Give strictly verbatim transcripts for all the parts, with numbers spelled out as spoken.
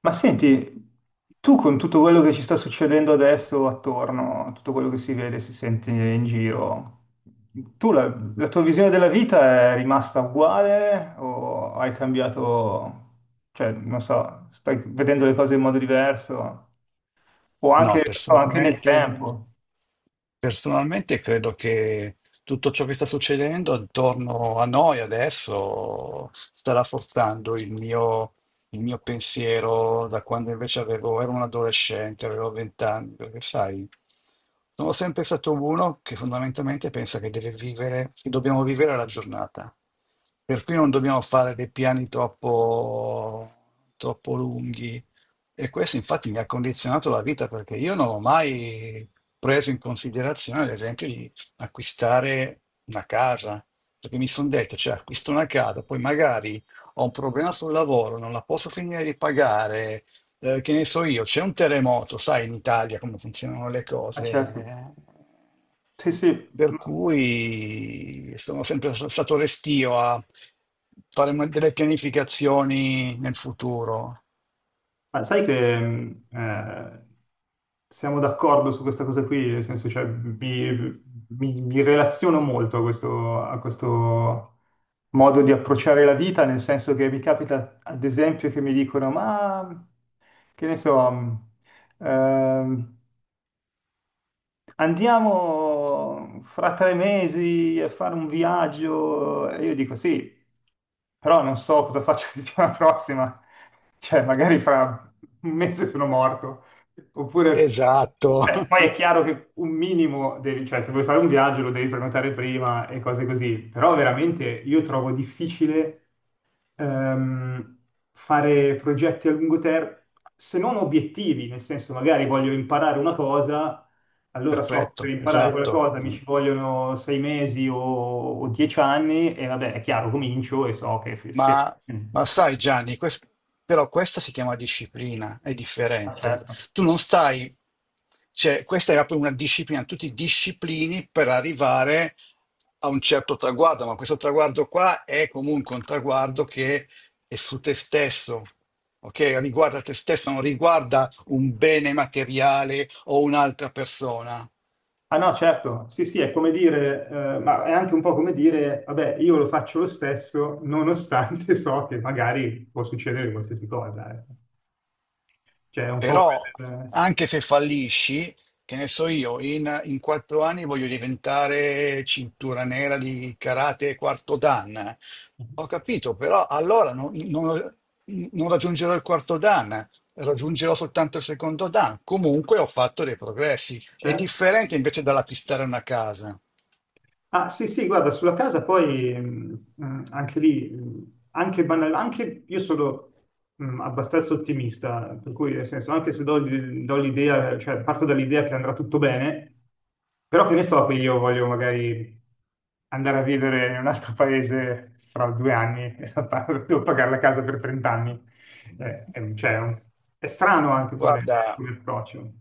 Ma senti, tu con tutto quello che ci sta succedendo adesso attorno, tutto quello che si vede, si sente in giro, tu la, la tua visione della vita è rimasta uguale o hai cambiato, cioè, non so, stai vedendo le cose in modo diverso o anche, No, non so, anche nel personalmente tempo? Personalmente credo che tutto ciò che sta succedendo attorno a noi adesso sta rafforzando il mio, il mio pensiero da quando invece avevo, ero un adolescente, avevo vent'anni, perché sai, sono sempre stato uno che fondamentalmente pensa che deve vivere, che dobbiamo vivere la giornata. Per cui non dobbiamo fare dei piani troppo, troppo lunghi. E questo infatti mi ha condizionato la vita, perché io non ho mai preso in considerazione, ad esempio, di acquistare una casa, perché mi sono detto, cioè, acquisto una casa, poi magari ho un problema sul lavoro, non la posso finire di pagare, eh, che ne so io, c'è un terremoto, sai in Italia come funzionano le Ah, cose. certo. eh. Sì, sì. Per cui sono sempre s- stato restio a fare mo- delle pianificazioni nel futuro. Ma sai che mh, eh, siamo d'accordo su questa cosa qui, nel senso, cioè, mi, mi- mi relaziono molto a questo, a questo modo di approcciare la vita, nel senso che mi capita, ad esempio, che mi dicono, ma che ne so, mh, ehm, andiamo fra tre mesi a fare un viaggio. E io dico sì, però non so cosa faccio la settimana prossima. Cioè, magari fra un mese sono morto. Oppure, Esatto. eh, poi è chiaro che un minimo devi, cioè, se vuoi fare un viaggio lo devi prenotare prima e cose così. Però veramente io trovo difficile, ehm, fare progetti a lungo termine, se non obiettivi, nel senso magari voglio imparare una cosa, allora so che per Perfetto, imparare quella esatto. cosa mi Mm. ci vogliono sei mesi o, o dieci anni e vabbè, è chiaro, comincio e so che f- se... Ma, ma sai Gianni, quest- però questa si chiama disciplina, è Ah, differente. certo. Tu non stai, cioè questa era proprio una disciplina, tu ti disciplini per arrivare a un certo traguardo, ma questo traguardo qua è comunque un traguardo che è su te stesso, ok? Riguarda te stesso, non riguarda un bene materiale o un'altra persona. Ah no, certo, sì, sì, è come dire, eh, ma è anche un po' come dire, vabbè, io lo faccio lo stesso, nonostante so che magari può succedere qualsiasi cosa, eh. Cioè, è un po' Però quel... anche se fallisci, che ne so io, in, in quattro anni voglio diventare cintura nera di karate quarto dan. Ho eh. capito, però allora non, non- non raggiungerò il quarto dan, raggiungerò soltanto il secondo dan. Comunque ho fatto dei progressi. È Certo. differente invece dalla pistare una casa. Ah, sì, sì, guarda, sulla casa poi mh, mh, anche lì, mh, anche, banal- anche io sono mh, abbastanza ottimista, per cui nel senso, anche se do, do l'idea, cioè parto dall'idea che andrà tutto bene, però che ne so che io voglio magari andare a vivere in un altro paese fra due anni e la pa- devo pagare la casa per trenta anni. Eh, è, cioè, è un- è strano anche come Guarda. come approccio.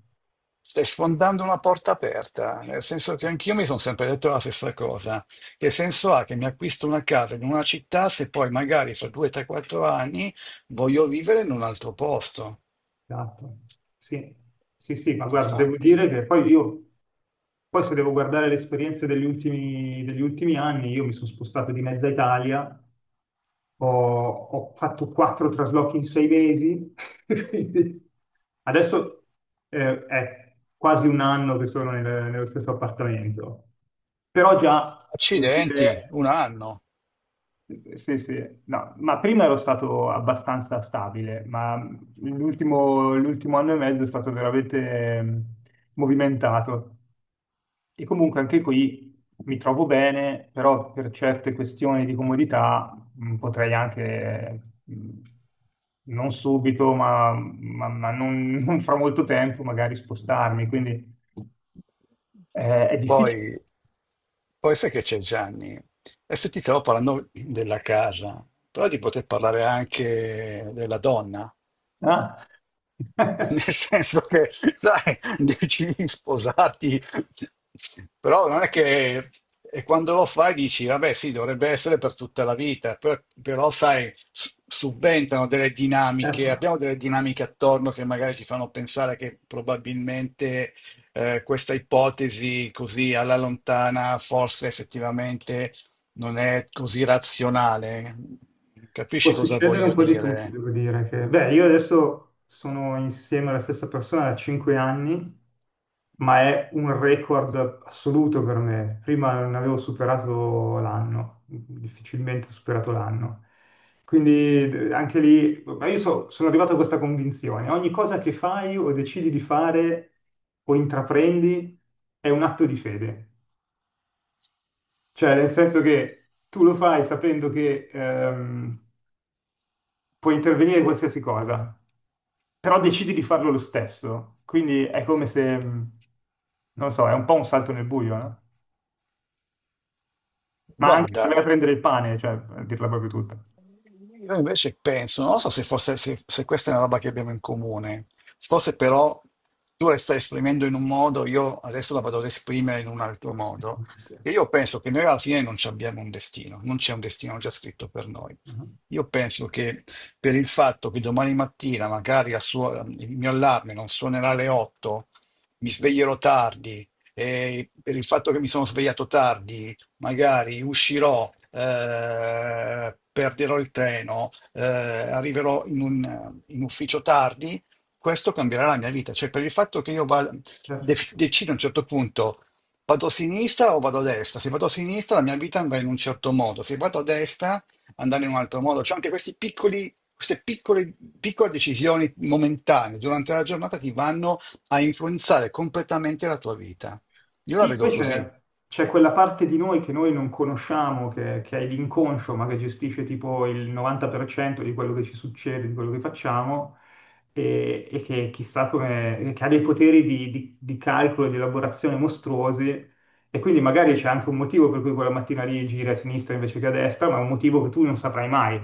Stai sfondando una porta aperta, nel senso che anch'io mi sono sempre detto la stessa cosa. Che senso ha che mi acquisto una casa in una città se poi magari fra due tre-quattro anni voglio vivere in un altro posto? Esatto. Sì. Sì, sì, ma guarda, devo Infatti, dire che poi io, poi se devo guardare le esperienze degli ultimi, degli ultimi anni, io mi sono spostato di mezza Italia, ho, ho fatto quattro traslochi in sei mesi, quindi adesso eh, è quasi un anno che sono nel- nello stesso appartamento, però già, come accidenti, dire, un eh, anno. sì, sì, sì. No, ma prima ero stato abbastanza stabile, ma l'ultimo l'ultimo anno e mezzo è stato veramente ehm, movimentato. E comunque anche qui mi trovo bene, però per certe questioni di comodità mh, potrei anche, mh, non subito, ma, ma- ma non, non fra molto tempo, magari spostarmi. Quindi eh, è Poi, difficile. poi sai che c'è Gianni? Adesso ti stavo parlando della casa, però ti poter parlare anche della donna. Ah. Nel senso che, sai, decidi sposati, però non è che... E quando lo fai dici, vabbè, sì, dovrebbe essere per tutta la vita, per- però, sai, s- subentrano delle Eh, dinamiche, abbiamo delle dinamiche attorno che magari ci fanno pensare che probabilmente eh, questa ipotesi così alla lontana forse effettivamente non è così razionale. può Capisci cosa succedere un voglio po' di tutti, dire? devo dire che, beh, io adesso sono insieme alla stessa persona da cinque anni, ma è un record assoluto per me. Prima non avevo superato l'anno, difficilmente ho superato l'anno. Quindi d- anche lì, ma io so- sono arrivato a questa convinzione, ogni cosa che fai o decidi di fare o intraprendi è un atto di fede. Cioè, nel senso che tu lo fai sapendo che ehm, puoi intervenire in qualsiasi cosa, però decidi di farlo lo stesso. Quindi è come se, mh, non so, è un po' un salto nel buio, no? Ma anche se vai Guarda. a prendere il pane, cioè, a dirla proprio tutta. Io invece penso, non so se fosse, se, se questa è una roba che abbiamo in comune, forse però tu la stai esprimendo in un modo, io adesso la vado ad esprimere in un altro Eh, può modo, essere. che io penso che noi alla fine non ci abbiamo un destino, non c'è un destino già scritto per noi. Mhm. Io penso che per il fatto che domani mattina magari a suo- il mio allarme non suonerà alle otto, mi sveglierò tardi, e per il fatto che mi sono svegliato tardi magari uscirò, eh, perderò il treno, eh, arriverò in un, in ufficio tardi, questo cambierà la mia vita. Cioè, per il fatto che io vada- def- decido a un certo punto, vado a sinistra o vado a destra? Se vado a sinistra, la mia vita andrà in un certo modo, se vado a destra, andrà in un altro modo. Cioè, anche questi piccoli. Queste piccole, piccole decisioni momentanee durante la giornata ti vanno a influenzare completamente la tua vita. Io la Sì, vedo poi così. c'è c'è quella parte di noi che noi non conosciamo, che, che è l'inconscio, ma che gestisce tipo il novanta per cento di quello che ci succede, di quello che facciamo, e, e che chissà come, e che ha dei poteri di, di- di calcolo, di elaborazione mostruosi, e quindi magari c'è anche un motivo per cui quella mattina lì giri a sinistra invece che a destra, ma è un motivo che tu non saprai mai.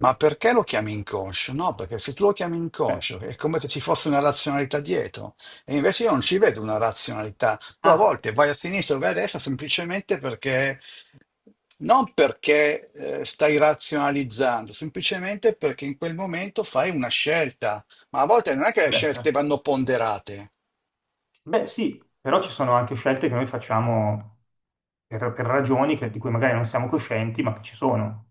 Ma perché lo chiami inconscio? No, perché se tu lo chiami Eh, inconscio è come se ci fosse una razionalità dietro. E invece io non ci vedo una razionalità. Tu a ah, volte vai a sinistra o vai a destra semplicemente perché, non perché eh, stai razionalizzando, semplicemente perché in quel momento fai una scelta. Ma a volte non è che le beh. scelte vanno ponderate. Beh, sì, però ci sono anche scelte che noi facciamo per, per ragioni che- di cui magari non siamo coscienti, ma che ci sono.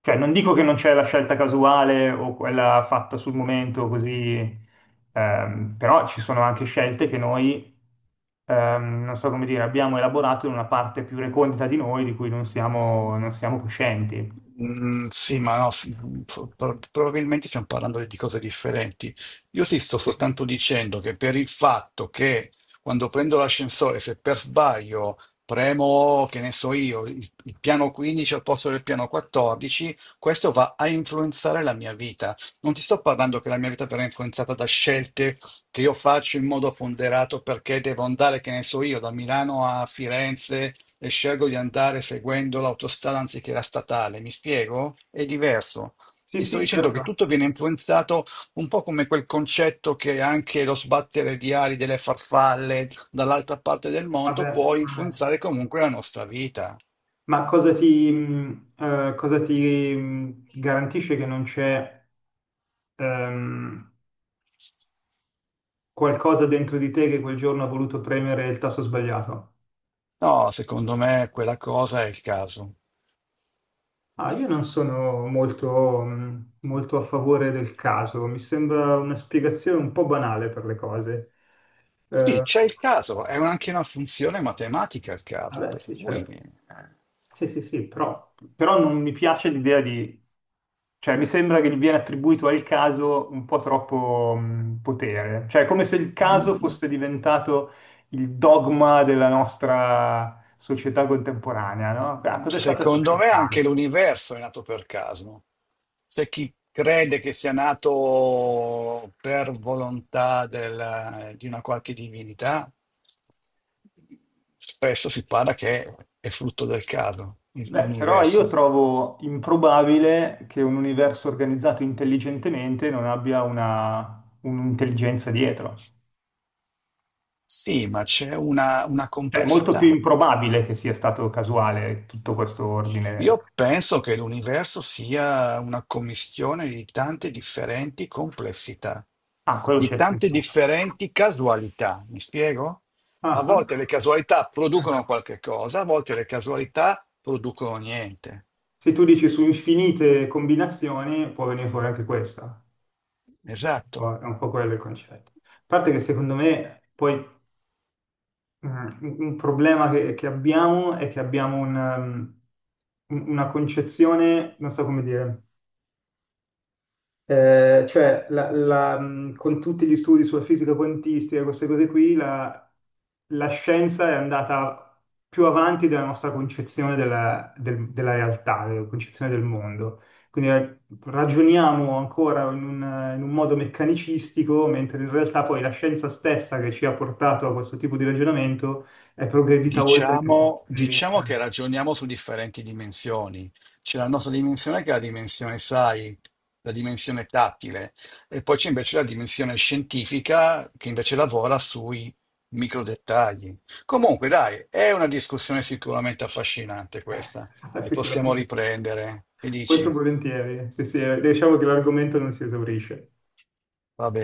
Cioè, non dico che non c'è la scelta casuale o quella fatta sul momento così, ehm, però ci sono anche scelte che noi, ehm, non so come dire, abbiamo elaborato in una parte più recondita di noi di cui non siamo, non siamo coscienti. Mm, sì, ma no, sì, mm, pro- pro- probabilmente stiamo parlando di cose differenti. Io ti sto soltanto dicendo che per il fatto che quando prendo l'ascensore, se per sbaglio premo, che ne so io, il, il piano quindici al posto del piano quattordici, questo va a influenzare la mia vita. Non ti sto parlando che la mia vita verrà influenzata da scelte che io faccio in modo ponderato perché devo andare, che ne so io, da Milano a Firenze e scelgo di andare seguendo l'autostrada anziché la statale. Mi spiego? È diverso. Sì, Ti sto sì, dicendo che certo. tutto viene influenzato un po' come quel concetto che anche lo sbattere di ali delle farfalle dall'altra parte del mondo Vabbè, può sicuramente. influenzare comunque la nostra vita. Ma cosa ti, mh, eh, cosa ti mh, garantisce che non c'è, ehm, qualcosa dentro di te che quel giorno ha voluto premere il tasto sbagliato. No, secondo me quella cosa è il caso. Ah, io non sono molto, mh, molto a favore del caso, mi sembra una spiegazione un po' banale per le cose. Sì, Eh, c'è il caso, è un- anche una funzione matematica il caso, vabbè, per sì, cui certo. Sì, sì, sì, però, però non mi piace l'idea di... Cioè, mi sembra che gli viene attribuito al caso un po' troppo mh, potere. Cioè, è come se il caso fosse diventato il dogma della nostra società contemporanea, no? Ah, cos'è stato è stato secondo il me anche caso? l'universo è nato per caso. C'è chi crede che sia nato per volontà del- di una qualche divinità, spesso si parla che è frutto del caso, il- Beh, però io l'universo. trovo improbabile che un universo organizzato intelligentemente non abbia una, un'intelligenza dietro. Sì, ma c'è una, una Cioè, è molto più complessità. improbabile che sia stato casuale tutto questo ordine. Io penso che l'universo sia una commistione di tante differenti complessità, Ah, quello di c'è, sempre. tante differenti casualità. Mi spiego? A Ah, ah. volte le casualità producono qualche cosa, a volte le casualità producono niente. Se tu dici su infinite combinazioni, può venire fuori anche questa. È Esatto. un po' quello il concetto. A parte che secondo me poi mh, un un problema che, che abbiamo è che abbiamo un, um, un- una concezione, non so come dire. Eh, cioè, la- la, mh, con tutti gli studi sulla fisica quantistica, queste cose qui, la, la scienza è andata più avanti della nostra concezione della, del- della realtà, della concezione del mondo. Quindi eh, ragioniamo ancora in un, in un modo meccanicistico, mentre in realtà poi la scienza stessa che ci ha portato a questo tipo di ragionamento è progredita oltre questo punto Diciamo, di diciamo che vista. ragioniamo su differenti dimensioni. C'è la nostra dimensione che è la dimensione, sai, la dimensione tattile, e poi c'è invece la dimensione scientifica che invece lavora sui micro dettagli. Comunque, dai, è una discussione sicuramente affascinante questa, che possiamo Sicuramente, riprendere. Che molto dici? volentieri. Sì, sì, eh, diciamo che l'argomento non si esaurisce. Va bene.